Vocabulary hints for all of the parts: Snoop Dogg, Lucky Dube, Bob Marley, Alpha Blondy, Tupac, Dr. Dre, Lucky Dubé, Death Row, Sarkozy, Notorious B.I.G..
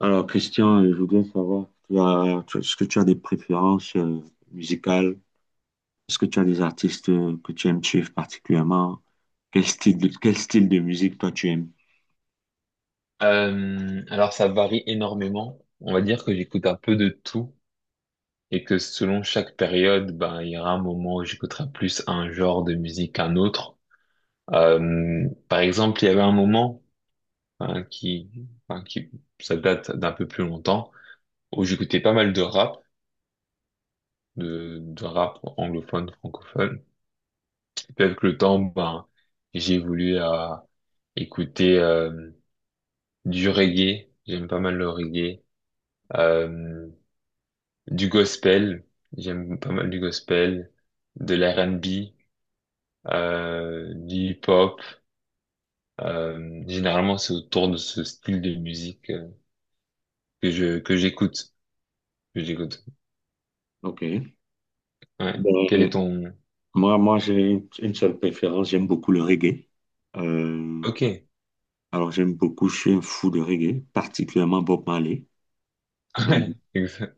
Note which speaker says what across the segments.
Speaker 1: Alors, Christian, je voudrais savoir, est-ce que tu as des préférences musicales? Est-ce que tu as des artistes que tu aimes suivre particulièrement? Quel style de musique toi tu aimes?
Speaker 2: Alors ça varie énormément. On va dire que j'écoute un peu de tout et que selon chaque période, ben il y aura un moment où j'écouterai plus un genre de musique qu'un autre. Par exemple, il y avait un moment hein, enfin, qui, ça date d'un peu plus longtemps, où j'écoutais pas mal de rap, de rap anglophone, francophone. Et puis avec le temps, ben j'ai voulu à écouter du reggae. J'aime pas mal le reggae. Euh, Du gospel, j'aime pas mal du gospel, de l'R&B, du hip-hop. Généralement, c'est autour de ce style de musique que j'écoute, que j'écoute.
Speaker 1: Ok.
Speaker 2: Ouais. Quel est
Speaker 1: Ben,
Speaker 2: ton...
Speaker 1: moi j'ai une seule préférence, j'aime beaucoup le reggae. Euh,
Speaker 2: Ok.
Speaker 1: alors, j'aime beaucoup, je suis un fou de reggae, particulièrement Bob Marley. Euh,
Speaker 2: Ouais. Exact.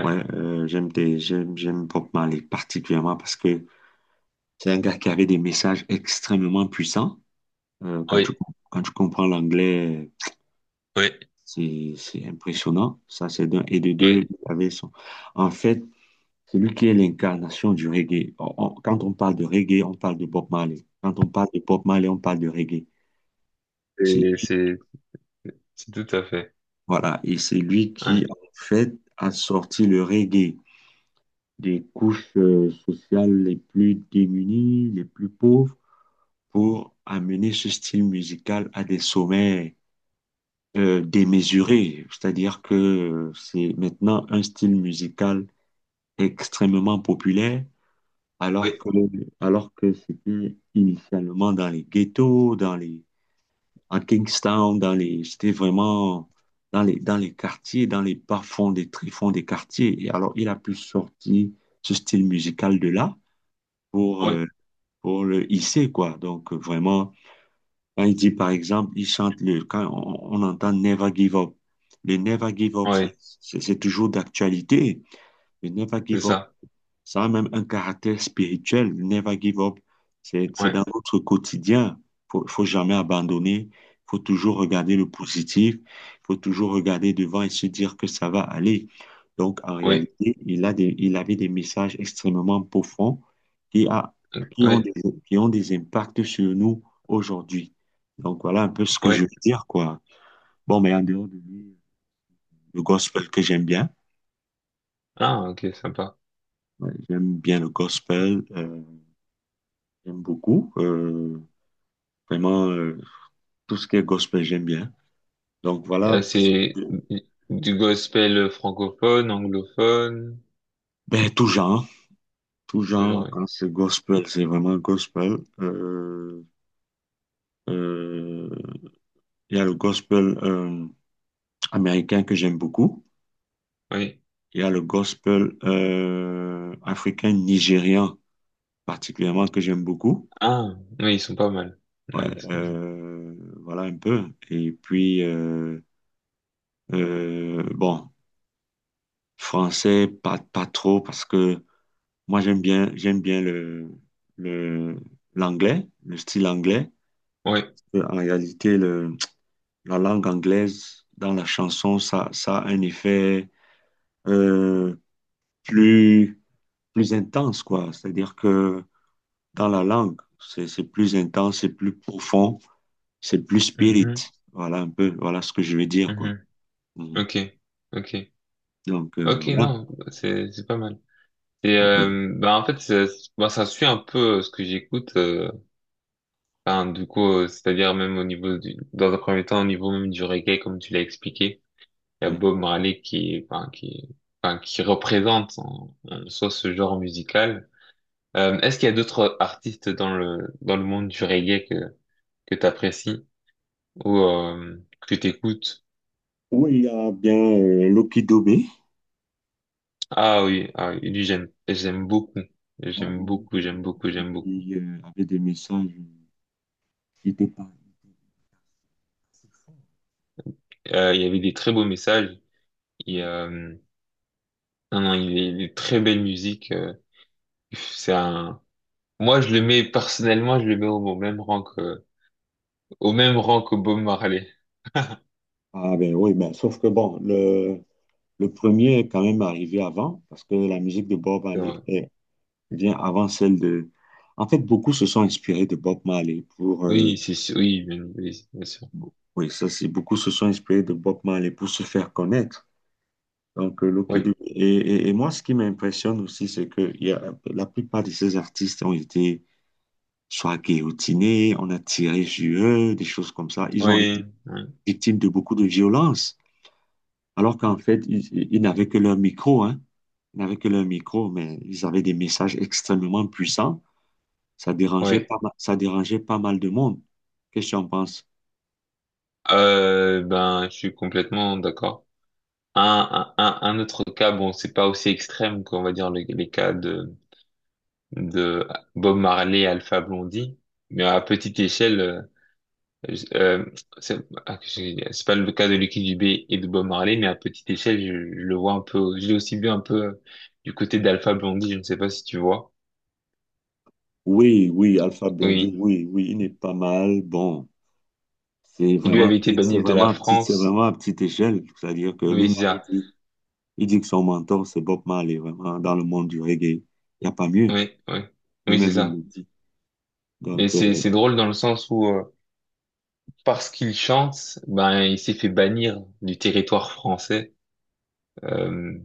Speaker 1: ouais, j'aime des, j'aime, j'aime Bob Marley particulièrement parce que c'est un gars qui avait des messages extrêmement puissants. Quand tu,
Speaker 2: Oui.
Speaker 1: quand tu comprends l'anglais,
Speaker 2: Oui.
Speaker 1: c'est impressionnant. Ça, c'est d'un. Et de deux,
Speaker 2: Oui.
Speaker 1: il avait son. En fait, c'est lui qui est l'incarnation du reggae. Quand on parle de reggae, on parle de Bob Marley. Quand on parle de Bob Marley, on parle de reggae. C'est-
Speaker 2: Et c'est tout à fait.
Speaker 1: Voilà. Et c'est lui
Speaker 2: Ouais.
Speaker 1: qui, en fait, a sorti le reggae des couches sociales les plus démunies, les plus pauvres, pour amener ce style musical à des sommets démesuré, c'est-à-dire que c'est maintenant un style musical extrêmement populaire, alors
Speaker 2: Oui.
Speaker 1: que, alors que c'était initialement dans les ghettos, dans les, à Kingstown, dans les, c'était vraiment dans les quartiers, dans les bas-fonds des tréfonds des quartiers. Et alors, il a pu sortir ce style musical de là pour,
Speaker 2: Oui.
Speaker 1: euh, pour le hisser, quoi. Donc, vraiment, quand il dit, par exemple, il chante le, quand on entend Never Give Up. Le Never Give Up,
Speaker 2: Oui.
Speaker 1: c'est toujours d'actualité. Le Never Give
Speaker 2: C'est
Speaker 1: Up,
Speaker 2: ça.
Speaker 1: ça a même un caractère spirituel, never give up. C'est
Speaker 2: Ouais.
Speaker 1: dans notre quotidien. Faut jamais abandonner. Faut toujours regarder le positif. Faut toujours regarder devant et se dire que ça va aller. Donc, en
Speaker 2: Oui.
Speaker 1: réalité, il a des, il avait des messages extrêmement profonds qui a, qui ont
Speaker 2: Oui.
Speaker 1: des, qui ont des impacts sur nous aujourd'hui. Donc, voilà un peu ce que je
Speaker 2: Oui.
Speaker 1: veux dire, quoi. Bon, mais en dehors de lui, le gospel que j'aime bien.
Speaker 2: Ah, ok, sympa.
Speaker 1: Ouais, j'aime bien le gospel, j'aime beaucoup. Vraiment, euh, tout ce qui est gospel, j'aime bien. Donc
Speaker 2: Euh,
Speaker 1: voilà,
Speaker 2: c'est du gospel francophone, anglophone,
Speaker 1: ben, tout
Speaker 2: toujours,
Speaker 1: genre,
Speaker 2: oui.
Speaker 1: quand c'est gospel, c'est vraiment gospel. Euh, il y a le gospel américain que j'aime beaucoup.
Speaker 2: Oui.
Speaker 1: Il y a le gospel africain nigérian particulièrement que j'aime beaucoup.
Speaker 2: Ah, oui, ils sont pas mal.
Speaker 1: Ouais,
Speaker 2: Oui, ils sont...
Speaker 1: euh, voilà un peu. Et puis, bon, français, pas trop parce que moi, j'aime bien le, l'anglais, le style anglais.
Speaker 2: Oui.
Speaker 1: En réalité, le, la langue anglaise dans la chanson, ça a un effet euh, plus, plus intense, quoi. C'est-à-dire que dans la langue, c'est plus intense, c'est plus profond, c'est plus spirit.
Speaker 2: Mhm,
Speaker 1: Voilà un peu, voilà ce que je veux dire, quoi.
Speaker 2: mhm.
Speaker 1: Mhm.
Speaker 2: Ok, ok.
Speaker 1: Donc,
Speaker 2: Ok,
Speaker 1: voilà.
Speaker 2: non, c'est pas mal. Et
Speaker 1: Ok.
Speaker 2: bah en fait, ça, bah, ça suit un peu ce que j'écoute. C'est-à-dire même au niveau du, dans un premier temps, au niveau même du reggae, comme tu l'as expliqué, il y a
Speaker 1: Ouais.
Speaker 2: Bob Marley qui représente en, en soi ce genre musical. Est-ce qu'il y a d'autres artistes dans le monde du reggae que t'apprécies ou que t'écoutes?
Speaker 1: Oui, il y a bien Lucky Dubé.
Speaker 2: Ah oui, ah oui, lui j'aime beaucoup,
Speaker 1: Voilà, il y
Speaker 2: j'aime
Speaker 1: a
Speaker 2: beaucoup,
Speaker 1: Lucky
Speaker 2: j'aime
Speaker 1: Dubé
Speaker 2: beaucoup,
Speaker 1: aussi
Speaker 2: j'aime beaucoup.
Speaker 1: qui avait des messages. Il était pas. Il était assez fort,
Speaker 2: Il y avait des très beaux messages. Et,
Speaker 1: ouais.
Speaker 2: euh, non non, il est très belle musique. C'est un, Moi je le mets personnellement, je le mets au, au même rang que Bob Marley.
Speaker 1: Ah ben oui, ben, sauf que bon, le premier est quand même arrivé avant, parce que la musique de Bob
Speaker 2: C'est
Speaker 1: Marley
Speaker 2: vrai.
Speaker 1: vient avant celle de… En fait, beaucoup se sont inspirés de Bob Marley pour…
Speaker 2: Oui, c'est sûr, oui, bien sûr.
Speaker 1: oui, ça c'est, beaucoup se sont inspirés de Bob Marley pour se faire connaître. Donc, Lucky Dube-
Speaker 2: Oui,
Speaker 1: Et, et, et Moi, ce qui m'impressionne aussi, c'est que il y a, la plupart de ces artistes ont été soit guillotinés, on a tiré sur eux, des choses comme ça. Ils ont été
Speaker 2: oui, oui,
Speaker 1: victimes de beaucoup de violences. Alors qu'en fait, ils n'avaient que leur micro, hein. Ils n'avaient que leur micro, mais ils avaient des messages extrêmement puissants. Ça dérangeait
Speaker 2: oui.
Speaker 1: pas mal, ça dérangeait pas mal de monde. Qu'est-ce que tu en penses?
Speaker 2: Ben je suis complètement d'accord. Un autre cas, bon, c'est pas aussi extrême qu'on va dire les, les cas de Bob Marley et Alpha Blondie, mais à petite échelle, je- c'est ah, que j'ai- c'est pas le cas de Lucky Dubé et de Bob Marley, mais à petite échelle, je le vois un peu, je l'ai aussi vu un peu du côté d'Alpha Blondie, je ne sais pas si tu vois,
Speaker 1: Oui, oui, Alpha Blondy,
Speaker 2: oui,
Speaker 1: oui, oui, il n'est pas mal. Bon, c'est
Speaker 2: qui lui
Speaker 1: vraiment à
Speaker 2: avait été
Speaker 1: petite, c'est
Speaker 2: banni de
Speaker 1: vraiment
Speaker 2: la
Speaker 1: à petite, c'est
Speaker 2: France,
Speaker 1: vraiment à petite échelle. C'est-à-dire que
Speaker 2: oui,
Speaker 1: lui-même,
Speaker 2: c'est ça,
Speaker 1: il dit que son mentor, c'est Bob Marley, vraiment, dans le monde du reggae. Il n'y a pas mieux.
Speaker 2: oui, oui, oui, c'est
Speaker 1: Lui-même, il
Speaker 2: ça.
Speaker 1: le dit.
Speaker 2: Mais
Speaker 1: Donc,
Speaker 2: c'est drôle dans le sens où parce qu'il chante, ben il s'est fait bannir du territoire français. Euh,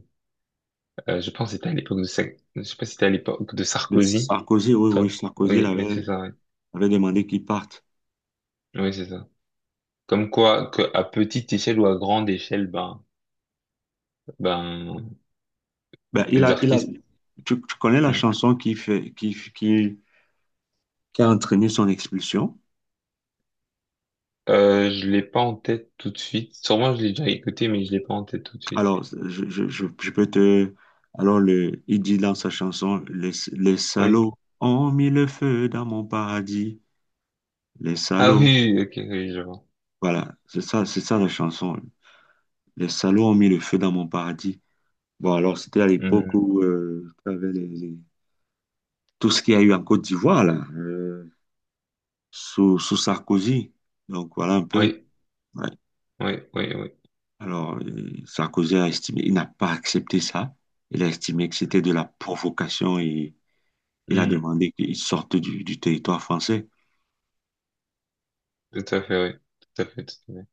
Speaker 2: je pense que c'était à l'époque je sais pas si c'était à l'époque de
Speaker 1: mais
Speaker 2: Sarkozy.
Speaker 1: Sarkozy, oui, oui,
Speaker 2: Attends.
Speaker 1: Sarkozy il
Speaker 2: Oui, oui, c'est
Speaker 1: avait,
Speaker 2: ça. Oui,
Speaker 1: avait demandé qu'il parte.
Speaker 2: oui, c'est ça. Comme quoi, que à petite échelle ou à grande échelle, ben
Speaker 1: Ben,
Speaker 2: les
Speaker 1: il a,
Speaker 2: artistes.
Speaker 1: tu connais la
Speaker 2: Hmm.
Speaker 1: chanson qui fait, qui a entraîné son expulsion?
Speaker 2: Je l'ai pas en tête tout de suite. Sûrement je l'ai déjà écouté, mais je l'ai pas en tête tout de suite.
Speaker 1: Alors, je peux te… Alors, le, il dit dans sa chanson, les
Speaker 2: Oui.
Speaker 1: salauds ont mis le feu dans mon paradis. Les
Speaker 2: Ah
Speaker 1: salauds.
Speaker 2: oui, oui, ok, oui, je vois.
Speaker 1: Voilà, c'est ça la chanson. Les salauds ont mis le feu dans mon paradis. Bon, alors, c'était à l'époque
Speaker 2: Hmm.
Speaker 1: où tu avais tout ce qu'il y a eu en Côte d'Ivoire, là, sous Sarkozy. Donc, voilà un peu.
Speaker 2: Oui,
Speaker 1: Ouais.
Speaker 2: oui, oui, oui.
Speaker 1: Alors, Sarkozy a estimé, il n'a pas accepté ça. Il a estimé que c'était de la provocation et il a
Speaker 2: Hmm.
Speaker 1: demandé qu'il sorte du territoire français.
Speaker 2: Tout à fait, oui. Tout à fait, tout à fait.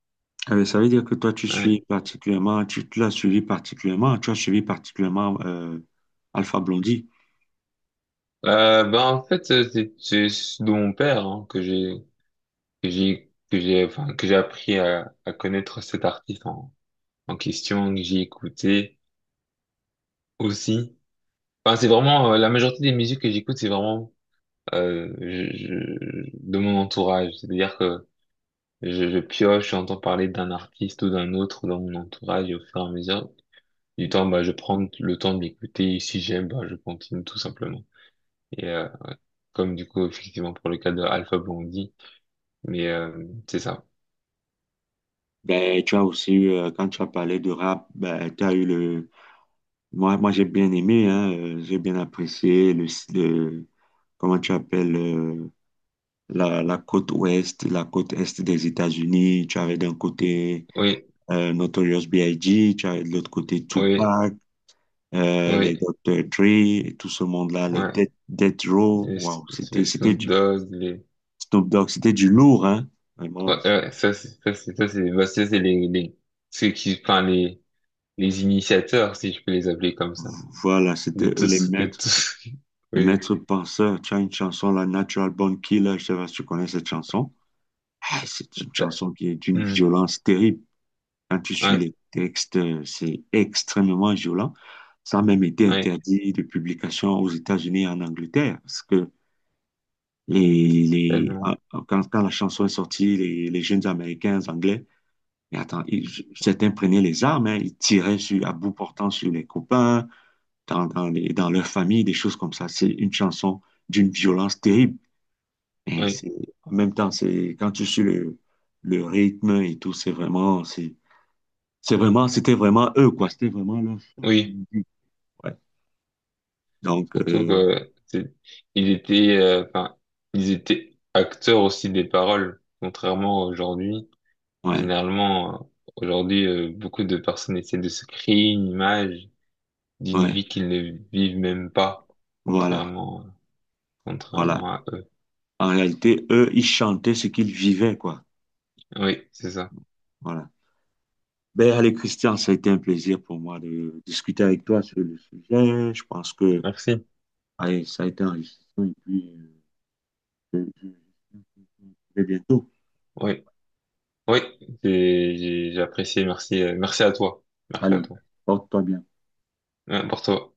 Speaker 1: Ah ben, ça veut dire que toi, tu suis
Speaker 2: Ouais.
Speaker 1: particulièrement, tu l'as suivi particulièrement, tu as suivi particulièrement Alpha Blondy.
Speaker 2: Ben en fait c'est de mon père hein, que j'ai appris à connaître cet artiste en, en question que j'ai écouté aussi. Enfin c'est vraiment la majorité des musiques que j'écoute c'est vraiment de mon entourage. C'est-à-dire que je pioche, j'entends parler d'un artiste ou d'un autre dans mon entourage et au fur et à mesure du temps bah je prends le temps de l'écouter et si j'aime bah je continue tout simplement. Et comme du coup effectivement pour le cas de Alpha Blondy. Mais c'est ça.
Speaker 1: Ben, tu as aussi eu, quand tu as parlé de rap, ben, tu as eu le. Moi j'ai bien aimé, hein, j'ai bien apprécié le, le- Comment tu appelles la, la côte ouest, la côte est des États-Unis. Tu avais d'un côté
Speaker 2: Oui,
Speaker 1: Notorious B.I.G., tu avais de l'autre côté
Speaker 2: oui,
Speaker 1: Tupac, les
Speaker 2: oui.
Speaker 1: Dr. Dre, et tout ce monde-là, les Death,
Speaker 2: Ouais.
Speaker 1: Death Row.
Speaker 2: Les, S-
Speaker 1: Waouh,
Speaker 2: les
Speaker 1: c'était
Speaker 2: Snoop
Speaker 1: du
Speaker 2: Dogg, les...
Speaker 1: Snoop Dogg, c'était du lourd, hein?
Speaker 2: Ouais,
Speaker 1: Vraiment.
Speaker 2: ouais, ça, c'est les, ceux qui, les initiateurs, si je peux les appeler comme ça.
Speaker 1: Voilà, c'était
Speaker 2: De
Speaker 1: eux
Speaker 2: tous, de tous.
Speaker 1: les
Speaker 2: Oui.
Speaker 1: maîtres penseurs. Tu as une chanson, la Natural Born Killer, je sais pas si tu connais cette chanson. Ah, c'est une
Speaker 2: Bah,
Speaker 1: chanson qui est d'une
Speaker 2: hmm.
Speaker 1: violence terrible. Quand tu suis
Speaker 2: Ouais,
Speaker 1: les textes, c'est extrêmement violent. Ça a même été
Speaker 2: ouais,
Speaker 1: interdit de publication aux États-Unis et en Angleterre, parce que
Speaker 2: tellement.
Speaker 1: quand, quand la chanson est sortie, les jeunes Américains, les Anglais, mais attends, certains prenaient les armes, hein, ils tiraient sur, à bout portant sur les copains, dans leur famille, des choses comme ça. C'est une chanson d'une violence terrible. Et
Speaker 2: Oui,
Speaker 1: c'est, en même temps, c'est, quand tu suis le rythme et tout, c'est vraiment, c'était vraiment eux, quoi. C'était vraiment leur chose,
Speaker 2: oui.
Speaker 1: comme on dit. Ouais. Donc,
Speaker 2: Surtout que, c'est, ils étaient, enfin, ils étaient acteurs aussi des paroles, contrairement à aujourd'hui.
Speaker 1: ouais,
Speaker 2: Généralement, euh, Aujourd'hui, beaucoup de personnes essaient de se créer une image d'une
Speaker 1: ouais,
Speaker 2: vie qu'ils ne vivent même pas,
Speaker 1: voilà,
Speaker 2: contrairement, contrairement
Speaker 1: voilà.
Speaker 2: à eux.
Speaker 1: En réalité, eux, ils chantaient ce qu'ils vivaient, quoi.
Speaker 2: Oui, c'est ça.
Speaker 1: Voilà. Ben, allez, Christian, ça a été un plaisir pour moi de discuter avec toi sur le sujet. Je pense que,
Speaker 2: Merci.
Speaker 1: allez, ça a été enrichissant et puis, je- je- je- bientôt.
Speaker 2: Oui, oui, j'ai apprécié. Merci, merci à toi. Merci à
Speaker 1: Allez,
Speaker 2: toi.
Speaker 1: porte-toi bien.
Speaker 2: Pour toi.